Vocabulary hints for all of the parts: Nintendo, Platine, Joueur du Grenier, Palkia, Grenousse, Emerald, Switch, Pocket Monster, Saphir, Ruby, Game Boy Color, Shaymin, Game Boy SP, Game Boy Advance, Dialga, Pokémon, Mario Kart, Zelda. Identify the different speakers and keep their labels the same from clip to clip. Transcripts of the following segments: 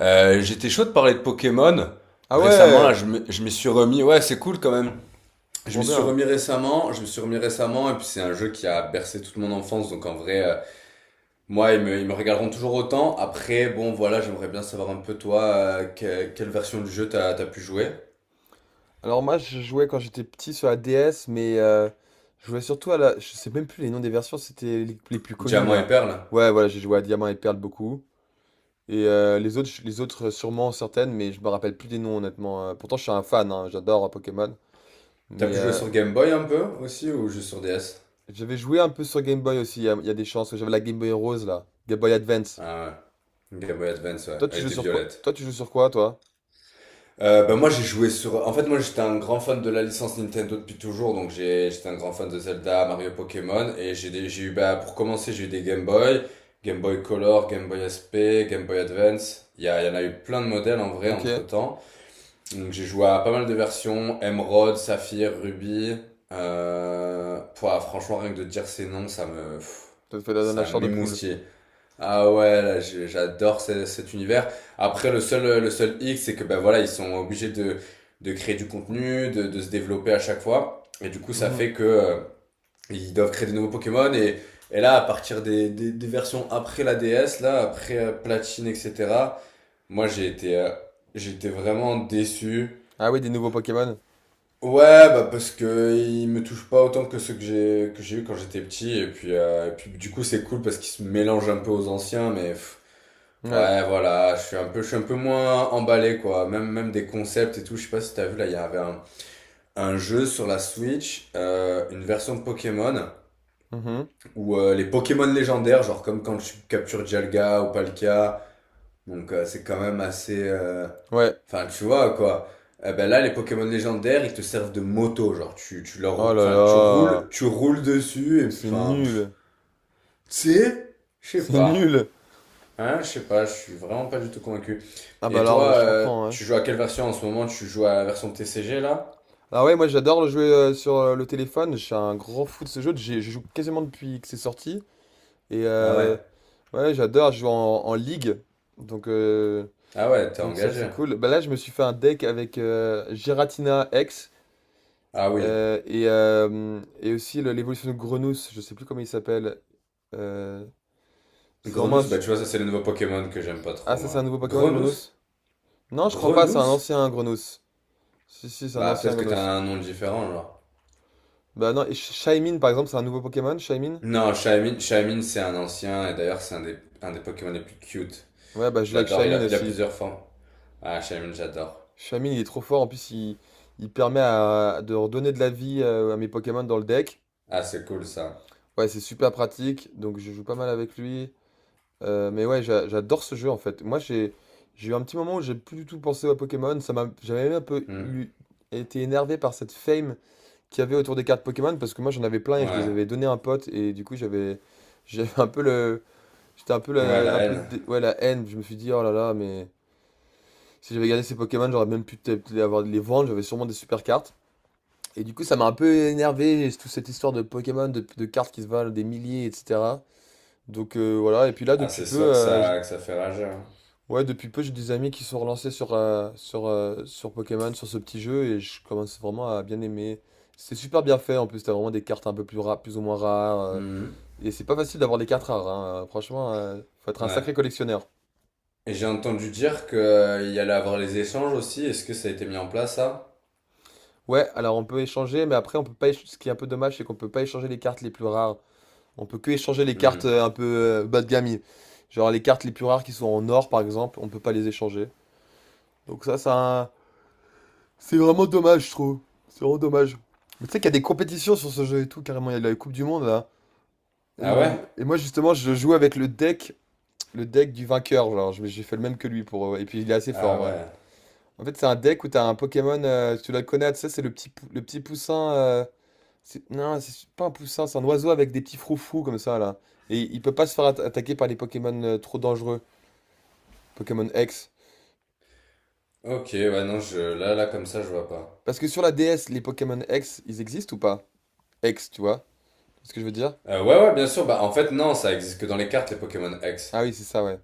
Speaker 1: J'étais chaud de parler de Pokémon.
Speaker 2: Ah
Speaker 1: Récemment, là,
Speaker 2: ouais,
Speaker 1: je m'y suis remis. Ouais, c'est cool quand même. Je
Speaker 2: trop
Speaker 1: m'y suis
Speaker 2: bien.
Speaker 1: remis récemment. Je me suis remis récemment. Et puis, c'est un jeu qui a bercé toute mon enfance. Donc, en vrai, moi, ils me regarderont toujours autant. Après, bon, voilà, j'aimerais bien savoir un peu, toi, quelle version du jeu t'as pu jouer?
Speaker 2: Alors moi je jouais quand j'étais petit sur la DS, mais je jouais surtout à la. Je sais même plus les noms des versions, c'était les plus connus
Speaker 1: Diamant et
Speaker 2: là.
Speaker 1: Perle.
Speaker 2: Ouais, voilà, j'ai joué à Diamant et Perle beaucoup. Et les autres, les autres sûrement certaines, mais je me rappelle plus des noms honnêtement. Pourtant je suis un fan, hein, j'adore Pokémon.
Speaker 1: T'as
Speaker 2: Mais
Speaker 1: pu jouer sur Game Boy un peu aussi ou juste sur DS?
Speaker 2: j'avais joué un peu sur Game Boy aussi, il y a des chances que j'avais la Game Boy Rose là, Game Boy Advance.
Speaker 1: Ah ouais. Game Boy Advance, ouais.
Speaker 2: Toi tu
Speaker 1: Elle
Speaker 2: joues
Speaker 1: était
Speaker 2: sur quoi?
Speaker 1: violette.
Speaker 2: Toi tu joues sur quoi, toi?
Speaker 1: Ben moi j'ai joué sur. En fait moi j'étais un grand fan de la licence Nintendo depuis toujours, donc j'étais un grand fan de Zelda, Mario, Pokémon, et j'ai eu bah pour commencer j'ai eu des Game Boy, Game Boy Color, Game Boy SP, Game Boy Advance. Il y en a eu plein de modèles en vrai
Speaker 2: Ok,
Speaker 1: entre temps. Donc j'ai joué à pas mal de versions, Emerald, Saphir, Ruby. Pouah, franchement rien que de dire ces noms
Speaker 2: toi tu fais dans la
Speaker 1: ça
Speaker 2: chair de poule.
Speaker 1: m'émoustille. Ah ouais, là, j'adore cet univers. Après, le seul hic, c'est que ben voilà, ils sont obligés de créer du contenu, de se développer à chaque fois. Et du coup, ça
Speaker 2: Mhm.
Speaker 1: fait que ils doivent créer des nouveaux Pokémon. Et là, à partir des versions après la DS, là, après Platine, etc., moi, j'étais vraiment déçu.
Speaker 2: Ah oui, des nouveaux Pokémon.
Speaker 1: Ouais, bah parce que ils me touchent pas autant que ceux que j'ai eu quand j'étais petit. Et puis, du coup, c'est cool parce qu'ils se mélangent un peu aux anciens, mais.
Speaker 2: Ouais.
Speaker 1: Ouais, voilà, je suis un peu moins emballé, quoi. Même des concepts et tout. Je sais pas si t'as vu, là, il y avait un jeu sur la Switch, une version de Pokémon,
Speaker 2: Mhm.
Speaker 1: où les Pokémon légendaires, genre comme quand tu captures Dialga ou Palkia, donc c'est quand même assez.
Speaker 2: Ouais.
Speaker 1: Enfin, tu vois, quoi. Eh ben là, les Pokémon légendaires, ils te servent de moto, genre
Speaker 2: Oh là
Speaker 1: Enfin, tu roules,
Speaker 2: là.
Speaker 1: tu roules dessus, et
Speaker 2: Mais
Speaker 1: puis,
Speaker 2: c'est
Speaker 1: enfin,
Speaker 2: nul.
Speaker 1: tu sais, je sais
Speaker 2: C'est
Speaker 1: pas.
Speaker 2: nul.
Speaker 1: Hein, je sais pas, je suis vraiment pas du tout convaincu.
Speaker 2: Ah bah
Speaker 1: Et
Speaker 2: alors,
Speaker 1: toi,
Speaker 2: je comprends, ouais.
Speaker 1: tu joues à quelle version en ce moment? Tu joues à la version TCG là?
Speaker 2: Ah ouais, moi j'adore le jouer sur le téléphone. Je suis un grand fou de ce jeu. Je joue quasiment depuis que c'est sorti. Et
Speaker 1: Ah ouais.
Speaker 2: ouais, j'adore. Je joue en ligue. Donc, euh,
Speaker 1: Ah ouais, t'es
Speaker 2: donc ça, c'est
Speaker 1: engagé.
Speaker 2: cool. Bah là, je me suis fait un deck avec Giratina X.
Speaker 1: Ah oui.
Speaker 2: Et aussi l'évolution de Grenos. Je sais plus comment il s'appelle. Euh, c'est vraiment un...
Speaker 1: Grenousse, bah
Speaker 2: su-
Speaker 1: tu vois, ça c'est le nouveau Pokémon que j'aime pas
Speaker 2: Ah,
Speaker 1: trop
Speaker 2: ça, c'est
Speaker 1: moi.
Speaker 2: un nouveau Pokémon,
Speaker 1: Grenousse?
Speaker 2: Grenos? Non, je crois pas. C'est un
Speaker 1: Grenousse?
Speaker 2: ancien Grenos. Si, si, c'est un
Speaker 1: Bah
Speaker 2: ancien
Speaker 1: peut-être que t'as
Speaker 2: Grenos.
Speaker 1: un nom différent genre.
Speaker 2: Bah non, et Shaymin, par exemple, c'est un nouveau Pokémon, Shaymin?
Speaker 1: Non, Shaymin c'est un ancien et d'ailleurs c'est un des Pokémon les plus cute.
Speaker 2: Ouais, bah je
Speaker 1: Je
Speaker 2: joue avec
Speaker 1: l'adore, il
Speaker 2: Shaymin
Speaker 1: a, il a
Speaker 2: aussi.
Speaker 1: plusieurs formes. Ah, Shaymin, j'adore.
Speaker 2: Shaymin, il est trop fort, en plus, il permet de redonner de la vie à mes Pokémon dans le deck.
Speaker 1: Ah, c'est cool ça.
Speaker 2: Ouais, c'est super pratique, donc je joue pas mal avec lui. Mais ouais, j'adore ce jeu en fait. Moi, j'ai eu un petit moment où j'ai plus du tout pensé aux Pokémon. J'avais même un peu
Speaker 1: Hmm.
Speaker 2: été énervé par cette fame qu'il y avait autour des cartes Pokémon, parce que moi, j'en avais plein et je les
Speaker 1: Ouais.
Speaker 2: avais donné à un pote, et du coup, j'avais un peu le j'étais un peu
Speaker 1: Ouais, la
Speaker 2: la, un peu
Speaker 1: haine.
Speaker 2: dé- ouais, la haine. Je me suis dit, oh là là, mais si j'avais gardé ces Pokémon, j'aurais même pu peut-être les avoir, les vendre. J'avais sûrement des super cartes. Et du coup, ça m'a un peu énervé, toute cette histoire de Pokémon, de cartes qui se valent des milliers, etc. Donc voilà. Et puis là,
Speaker 1: Ah,
Speaker 2: depuis
Speaker 1: c'est
Speaker 2: peu,
Speaker 1: sûr que ça, que ça fait rager, hein.
Speaker 2: ouais, depuis peu, j'ai des amis qui sont relancés sur, sur Pokémon, sur ce petit jeu, et je commence vraiment à bien aimer. C'est super bien fait. En plus, t'as vraiment des cartes un peu plus ou moins rares.
Speaker 1: Hmm.
Speaker 2: Et c'est pas facile d'avoir des cartes rares, hein. Franchement, faut être un
Speaker 1: Ouais.
Speaker 2: sacré collectionneur.
Speaker 1: Et j'ai entendu dire que il y allait avoir les échanges aussi. Est-ce que ça a été mis en place, ça?
Speaker 2: Ouais, alors on peut échanger, mais après on peut pas. Ce qui est un peu dommage, c'est qu'on peut pas échanger les cartes les plus rares. On peut que échanger les cartes
Speaker 1: Hmm.
Speaker 2: un peu bas de gamme. Genre les cartes les plus rares qui sont en or, par exemple, on peut pas les échanger. Donc ça, c'est vraiment dommage, je trouve. C'est vraiment dommage. Mais tu sais qu'il y a des compétitions sur ce jeu et tout, carrément. Il y a la Coupe du Monde là. Et,
Speaker 1: Ah ouais?
Speaker 2: moi justement, je joue avec le deck du vainqueur. Genre, j'ai fait le même que lui. Pour. Et puis il est assez fort
Speaker 1: Ah
Speaker 2: en vrai.
Speaker 1: ouais.
Speaker 2: En fait, c'est un deck où t'as un Pokémon, tu dois le connaître, ça c'est le petit poussin. Non, c'est pas un poussin, c'est un oiseau avec des petits froufrous comme ça là. Et il peut pas se faire attaquer par les Pokémon trop dangereux, Pokémon X.
Speaker 1: Ok, ouais, non, je, là, là, comme ça, je vois pas.
Speaker 2: Parce que sur la DS, les Pokémon X, ils existent ou pas? X, tu vois? C'est ce que je veux dire?
Speaker 1: Ouais, ouais, bien sûr. Bah, en fait, non, ça existe que dans les cartes, les Pokémon X.
Speaker 2: Ah oui, c'est ça, ouais.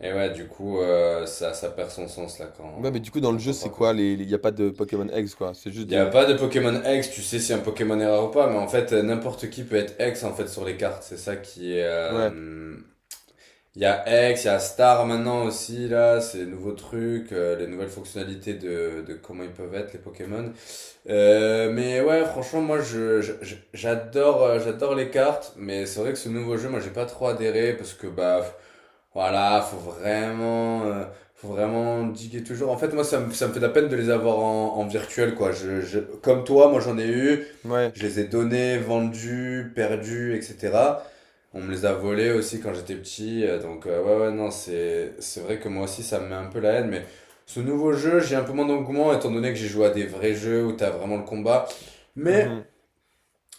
Speaker 1: Et ouais, du coup, ça perd son sens, là,
Speaker 2: Ouais, mais
Speaker 1: quand,
Speaker 2: du coup, dans le
Speaker 1: quand
Speaker 2: jeu,
Speaker 1: on
Speaker 2: c'est
Speaker 1: parle comme
Speaker 2: quoi?
Speaker 1: ça.
Speaker 2: Y a pas de Pokémon X, quoi. C'est juste
Speaker 1: Il n'y a
Speaker 2: des.
Speaker 1: pas de Pokémon X, tu sais si un Pokémon est rare ou pas, mais en fait, n'importe qui peut être X, en fait, sur les cartes. C'est ça qui est,
Speaker 2: Ouais,
Speaker 1: Il y a X, il y a Star maintenant aussi, là, c'est les nouveaux trucs, les nouvelles fonctionnalités de comment ils peuvent être, les Pokémon. Mais ouais, franchement, moi, j'adore les cartes, mais c'est vrai que ce nouveau jeu, moi, j'ai pas trop adhéré parce que, bah, voilà, faut vraiment diguer toujours. En fait, moi, ça me fait de la peine de les avoir en, virtuel, quoi. Comme toi, moi, j'en ai eu,
Speaker 2: ouais.
Speaker 1: je les ai donnés, vendus, perdus, etc. On me les a volés aussi quand j'étais petit, donc ouais, ouais, non, c'est vrai que moi aussi ça me met un peu la haine, mais ce nouveau jeu, j'ai un peu moins d'engouement étant donné que j'ai joué à des vrais jeux où t'as vraiment le combat. Mais
Speaker 2: Mhm.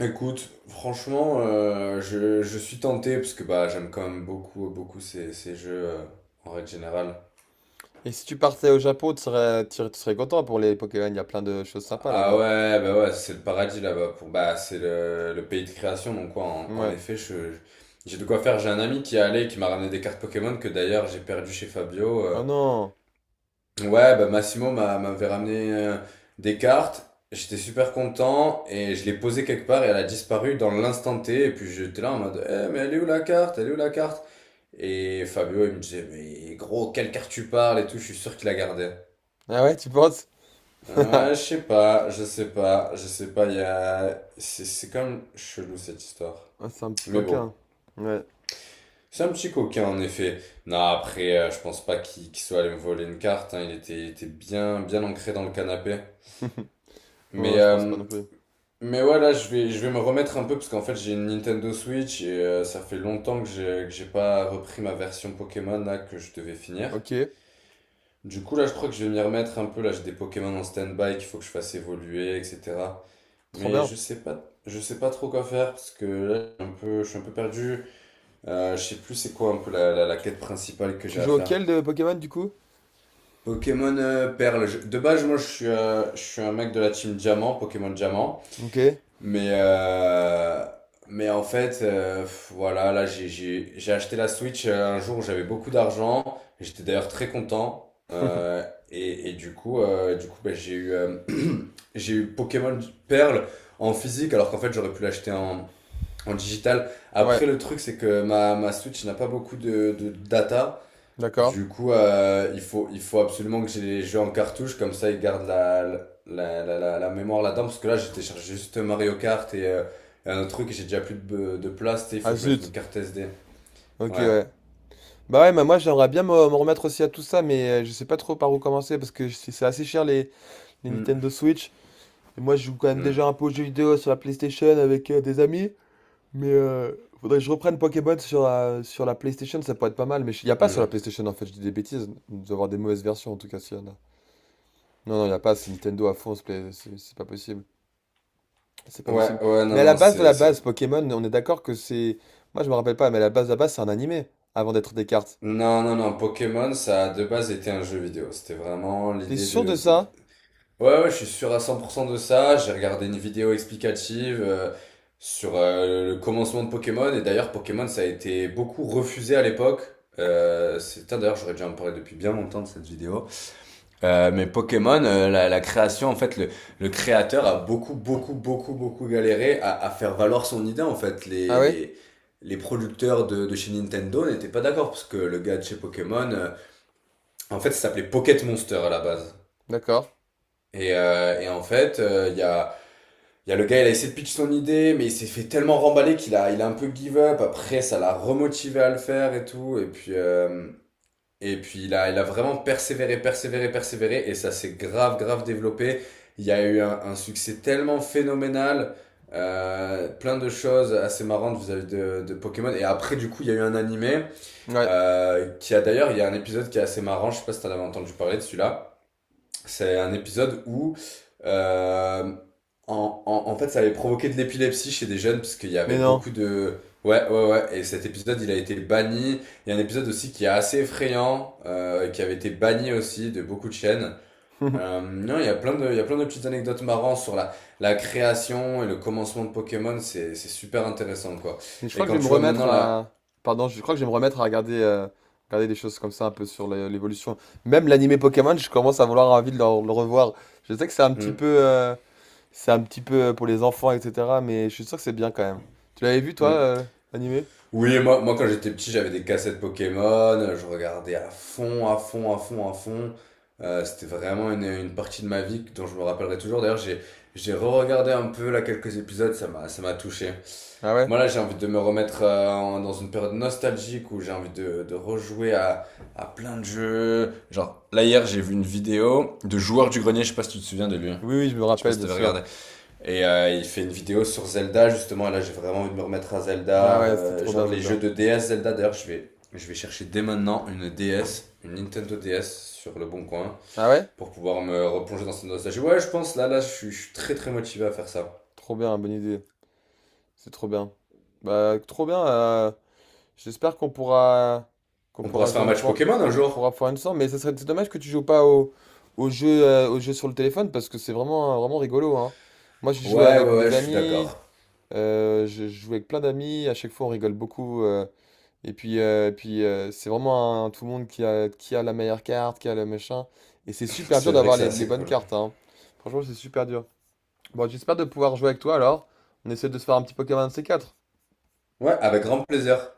Speaker 1: écoute, franchement, je suis tenté parce que bah j'aime quand même beaucoup, beaucoup ces jeux en règle générale.
Speaker 2: Et si tu partais au Japon, tu serais content pour les Pokémon. Y a plein de choses sympas
Speaker 1: Ah
Speaker 2: là-bas.
Speaker 1: ouais, bah ouais, c'est le paradis là-bas pour bah c'est le pays de création, donc quoi en
Speaker 2: Ouais.
Speaker 1: effet, j'ai de quoi faire. J'ai un ami qui est allé et qui m'a ramené des cartes Pokémon que d'ailleurs j'ai perdu chez Fabio.
Speaker 2: Oh non!
Speaker 1: Ouais, bah Massimo m'avait ramené des cartes. J'étais super content et je l'ai posée quelque part et elle a disparu dans l'instant T. Et puis j'étais là en mode, eh, mais elle est où la carte? Elle est où la carte? Et Fabio, il me disait, mais gros, quelle carte tu parles et tout, je suis sûr qu'il la gardait.
Speaker 2: Ah ouais, tu penses?
Speaker 1: Ouais, je sais pas, je sais pas, je sais pas, C'est quand même chelou cette histoire.
Speaker 2: Ah, c'est un petit
Speaker 1: Mais bon,
Speaker 2: coquin. Ouais.
Speaker 1: c'est un petit coquin en effet. Non, après, je pense pas qu'il soit allé me voler une carte, hein. Il était bien, bien ancré dans le canapé.
Speaker 2: Ouais,
Speaker 1: Mais,
Speaker 2: je pense pas
Speaker 1: euh,
Speaker 2: non plus.
Speaker 1: mais ouais, là, je vais me remettre un peu parce qu'en fait, j'ai une Nintendo Switch et ça fait longtemps que j'ai pas repris ma version Pokémon là que je devais finir.
Speaker 2: Ok,
Speaker 1: Du coup, là, je crois que je vais m'y remettre un peu. Là, j'ai des Pokémon en stand-by qu'il faut que je fasse évoluer, etc.
Speaker 2: trop
Speaker 1: Mais
Speaker 2: bien.
Speaker 1: je sais pas trop quoi faire parce que là, je suis un peu perdu. Je sais plus c'est quoi un peu la quête principale que j'ai
Speaker 2: Tu
Speaker 1: à
Speaker 2: joues
Speaker 1: faire.
Speaker 2: auquel de Pokémon, du coup?
Speaker 1: Pokémon Perle. De base, moi, je suis un mec de la team Diamant, Pokémon Diamant.
Speaker 2: Ok.
Speaker 1: Mais, euh, mais en fait, voilà, là, j'ai acheté la Switch un jour où j'avais beaucoup d'argent. J'étais d'ailleurs très content. Euh, et, et du coup, bah, j'ai eu Pokémon Perle en physique, alors qu'en fait, j'aurais pu l'acheter en digital.
Speaker 2: Ouais,
Speaker 1: Après, le truc, c'est que ma Switch n'a pas beaucoup de data.
Speaker 2: d'accord.
Speaker 1: Du coup, il faut absolument que j'ai les jeux en cartouche, comme ça ils gardent la mémoire là-dedans, parce que là j'ai téléchargé juste Mario Kart et un autre truc et j'ai déjà plus de place, tu sais, il faut
Speaker 2: Ah
Speaker 1: que je mette une
Speaker 2: zut.
Speaker 1: carte SD.
Speaker 2: Ok,
Speaker 1: Ouais.
Speaker 2: ouais. Bah ouais, bah moi j'aimerais bien me remettre aussi à tout ça, mais je sais pas trop par où commencer parce que c'est assez cher les
Speaker 1: Mm.
Speaker 2: Nintendo Switch. Et moi je joue quand même
Speaker 1: Mm.
Speaker 2: déjà un peu aux jeux vidéo sur la PlayStation avec des amis, mais faudrait que je reprenne Pokémon sur la PlayStation, ça pourrait être pas mal. Mais il y a pas sur la
Speaker 1: Mm.
Speaker 2: PlayStation, en fait, je dis des bêtises, il doit y avoir des mauvaises versions en tout cas, s'il y en a. Non, non, il y a pas, c'est Nintendo à fond, c'est pas possible. C'est pas
Speaker 1: Ouais,
Speaker 2: possible.
Speaker 1: ouais, non,
Speaker 2: Mais à la
Speaker 1: non,
Speaker 2: base de
Speaker 1: c'est,
Speaker 2: la
Speaker 1: c'est...
Speaker 2: base, Pokémon, on est d'accord que c'est. Moi, je me rappelle pas, mais à la base de la base, c'est un animé avant d'être des cartes.
Speaker 1: Non, non, non, Pokémon, ça a de base été un jeu vidéo. C'était vraiment
Speaker 2: T'es
Speaker 1: l'idée
Speaker 2: sûr
Speaker 1: de,
Speaker 2: de
Speaker 1: de,
Speaker 2: ça?
Speaker 1: Ouais, ouais, je suis sûr à 100% de ça. J'ai regardé une vidéo explicative sur le commencement de Pokémon. Et d'ailleurs, Pokémon, ça a été beaucoup refusé à l'époque. Putain, d'ailleurs, j'aurais déjà en parlé depuis bien longtemps de cette vidéo. Mais Pokémon, la création, en fait, le créateur a beaucoup, beaucoup, beaucoup, beaucoup galéré à faire valoir son idée. En fait,
Speaker 2: Ah
Speaker 1: les,
Speaker 2: ouais?
Speaker 1: les, les producteurs de chez Nintendo n'étaient pas d'accord parce que le gars de chez Pokémon, en fait, ça s'appelait Pocket Monster à la base.
Speaker 2: D'accord.
Speaker 1: Et en fait, Il y a le gars, il a essayé de pitch son idée, mais il s'est fait tellement remballer qu'il a un peu give up. Après, ça l'a remotivé à le faire et tout. Et puis il a vraiment persévéré, persévéré, persévéré. Et ça s'est grave, grave développé. Il y a eu un succès tellement phénoménal. Plein de choses assez marrantes vis-à-vis de Pokémon. Et après, du coup, il y a eu un animé
Speaker 2: Ouais.
Speaker 1: euh, qui a d'ailleurs, il y a un épisode qui est assez marrant. Je sais pas si t'en avais entendu parler de celui-là. C'est un épisode où, euh, en fait, ça avait provoqué de l'épilepsie chez des jeunes, parce qu'il y avait
Speaker 2: Mais non.
Speaker 1: beaucoup de. Ouais, ouais, ouais. Et cet épisode, il a été banni. Il y a un épisode aussi qui est assez effrayant, qui avait été banni aussi de beaucoup de chaînes. Non, il y a plein de, il y a plein de petites anecdotes marrantes sur la création et le commencement de Pokémon. C'est super intéressant, quoi.
Speaker 2: Mais je
Speaker 1: Et
Speaker 2: crois que je
Speaker 1: quand
Speaker 2: vais me
Speaker 1: tu vois
Speaker 2: remettre
Speaker 1: maintenant
Speaker 2: à.
Speaker 1: la.
Speaker 2: Pardon, je crois que je vais me remettre à regarder des choses comme ça un peu sur l'évolution. Même l'animé Pokémon, je commence à vouloir envie de le revoir. Je sais que c'est un petit
Speaker 1: Hmm,
Speaker 2: peu, pour les enfants, etc. Mais je suis sûr que c'est bien quand même. Tu l'avais vu, toi,
Speaker 1: hmm.
Speaker 2: l'animé?
Speaker 1: Oui, moi quand j'étais petit, j'avais des cassettes Pokémon, je regardais à fond, à fond, à fond, à fond. C'était vraiment une partie de ma vie dont je me rappellerai toujours. D'ailleurs, j'ai re-regardé un peu là quelques épisodes, ça m'a touché.
Speaker 2: Ah ouais?
Speaker 1: Moi là, j'ai envie de me remettre dans une période nostalgique où j'ai envie de rejouer à plein de jeux. Genre, là hier, j'ai vu une vidéo de Joueur du Grenier, je sais pas si tu te souviens de lui.
Speaker 2: Oui, oui, je me
Speaker 1: Je sais pas
Speaker 2: rappelle,
Speaker 1: si
Speaker 2: bien
Speaker 1: t'avais
Speaker 2: sûr.
Speaker 1: regardé. Et il fait une vidéo sur Zelda, justement. Et là, j'ai vraiment envie de me remettre à
Speaker 2: Ah
Speaker 1: Zelda.
Speaker 2: ouais, c'était
Speaker 1: euh,
Speaker 2: trop bien
Speaker 1: genre les jeux
Speaker 2: Zelda.
Speaker 1: de DS Zelda. D'ailleurs, je vais chercher dès maintenant une DS, une Nintendo DS sur le bon coin
Speaker 2: Ah ouais?
Speaker 1: pour pouvoir me replonger dans cette nostalgie. Ouais, je pense, je suis très très motivé à faire ça.
Speaker 2: Trop bien, bonne idée. C'est trop bien. Bah, trop bien. J'espère qu'on pourra
Speaker 1: On pourra se faire
Speaker 2: jouer
Speaker 1: un
Speaker 2: une
Speaker 1: match
Speaker 2: fois,
Speaker 1: Pokémon un
Speaker 2: on pourra
Speaker 1: jour.
Speaker 2: faire une ensemble. Mais ça serait, c'est dommage que tu joues pas au jeu sur le téléphone parce que c'est vraiment vraiment rigolo, hein. Moi, j'ai joué
Speaker 1: Ouais,
Speaker 2: avec
Speaker 1: ouais, ouais,
Speaker 2: des
Speaker 1: je suis
Speaker 2: amis.
Speaker 1: d'accord.
Speaker 2: Je joue avec plein d'amis. À chaque fois, on rigole beaucoup. Et puis tout le monde qui a la meilleure carte, qui a le machin. Et c'est super
Speaker 1: C'est
Speaker 2: dur
Speaker 1: vrai que
Speaker 2: d'avoir
Speaker 1: c'est
Speaker 2: les
Speaker 1: assez
Speaker 2: bonnes
Speaker 1: cool.
Speaker 2: cartes, hein. Franchement, c'est super dur. Bon, j'espère de pouvoir jouer avec toi alors. On essaie de se faire un petit Pokémon C4.
Speaker 1: Ouais, avec grand plaisir.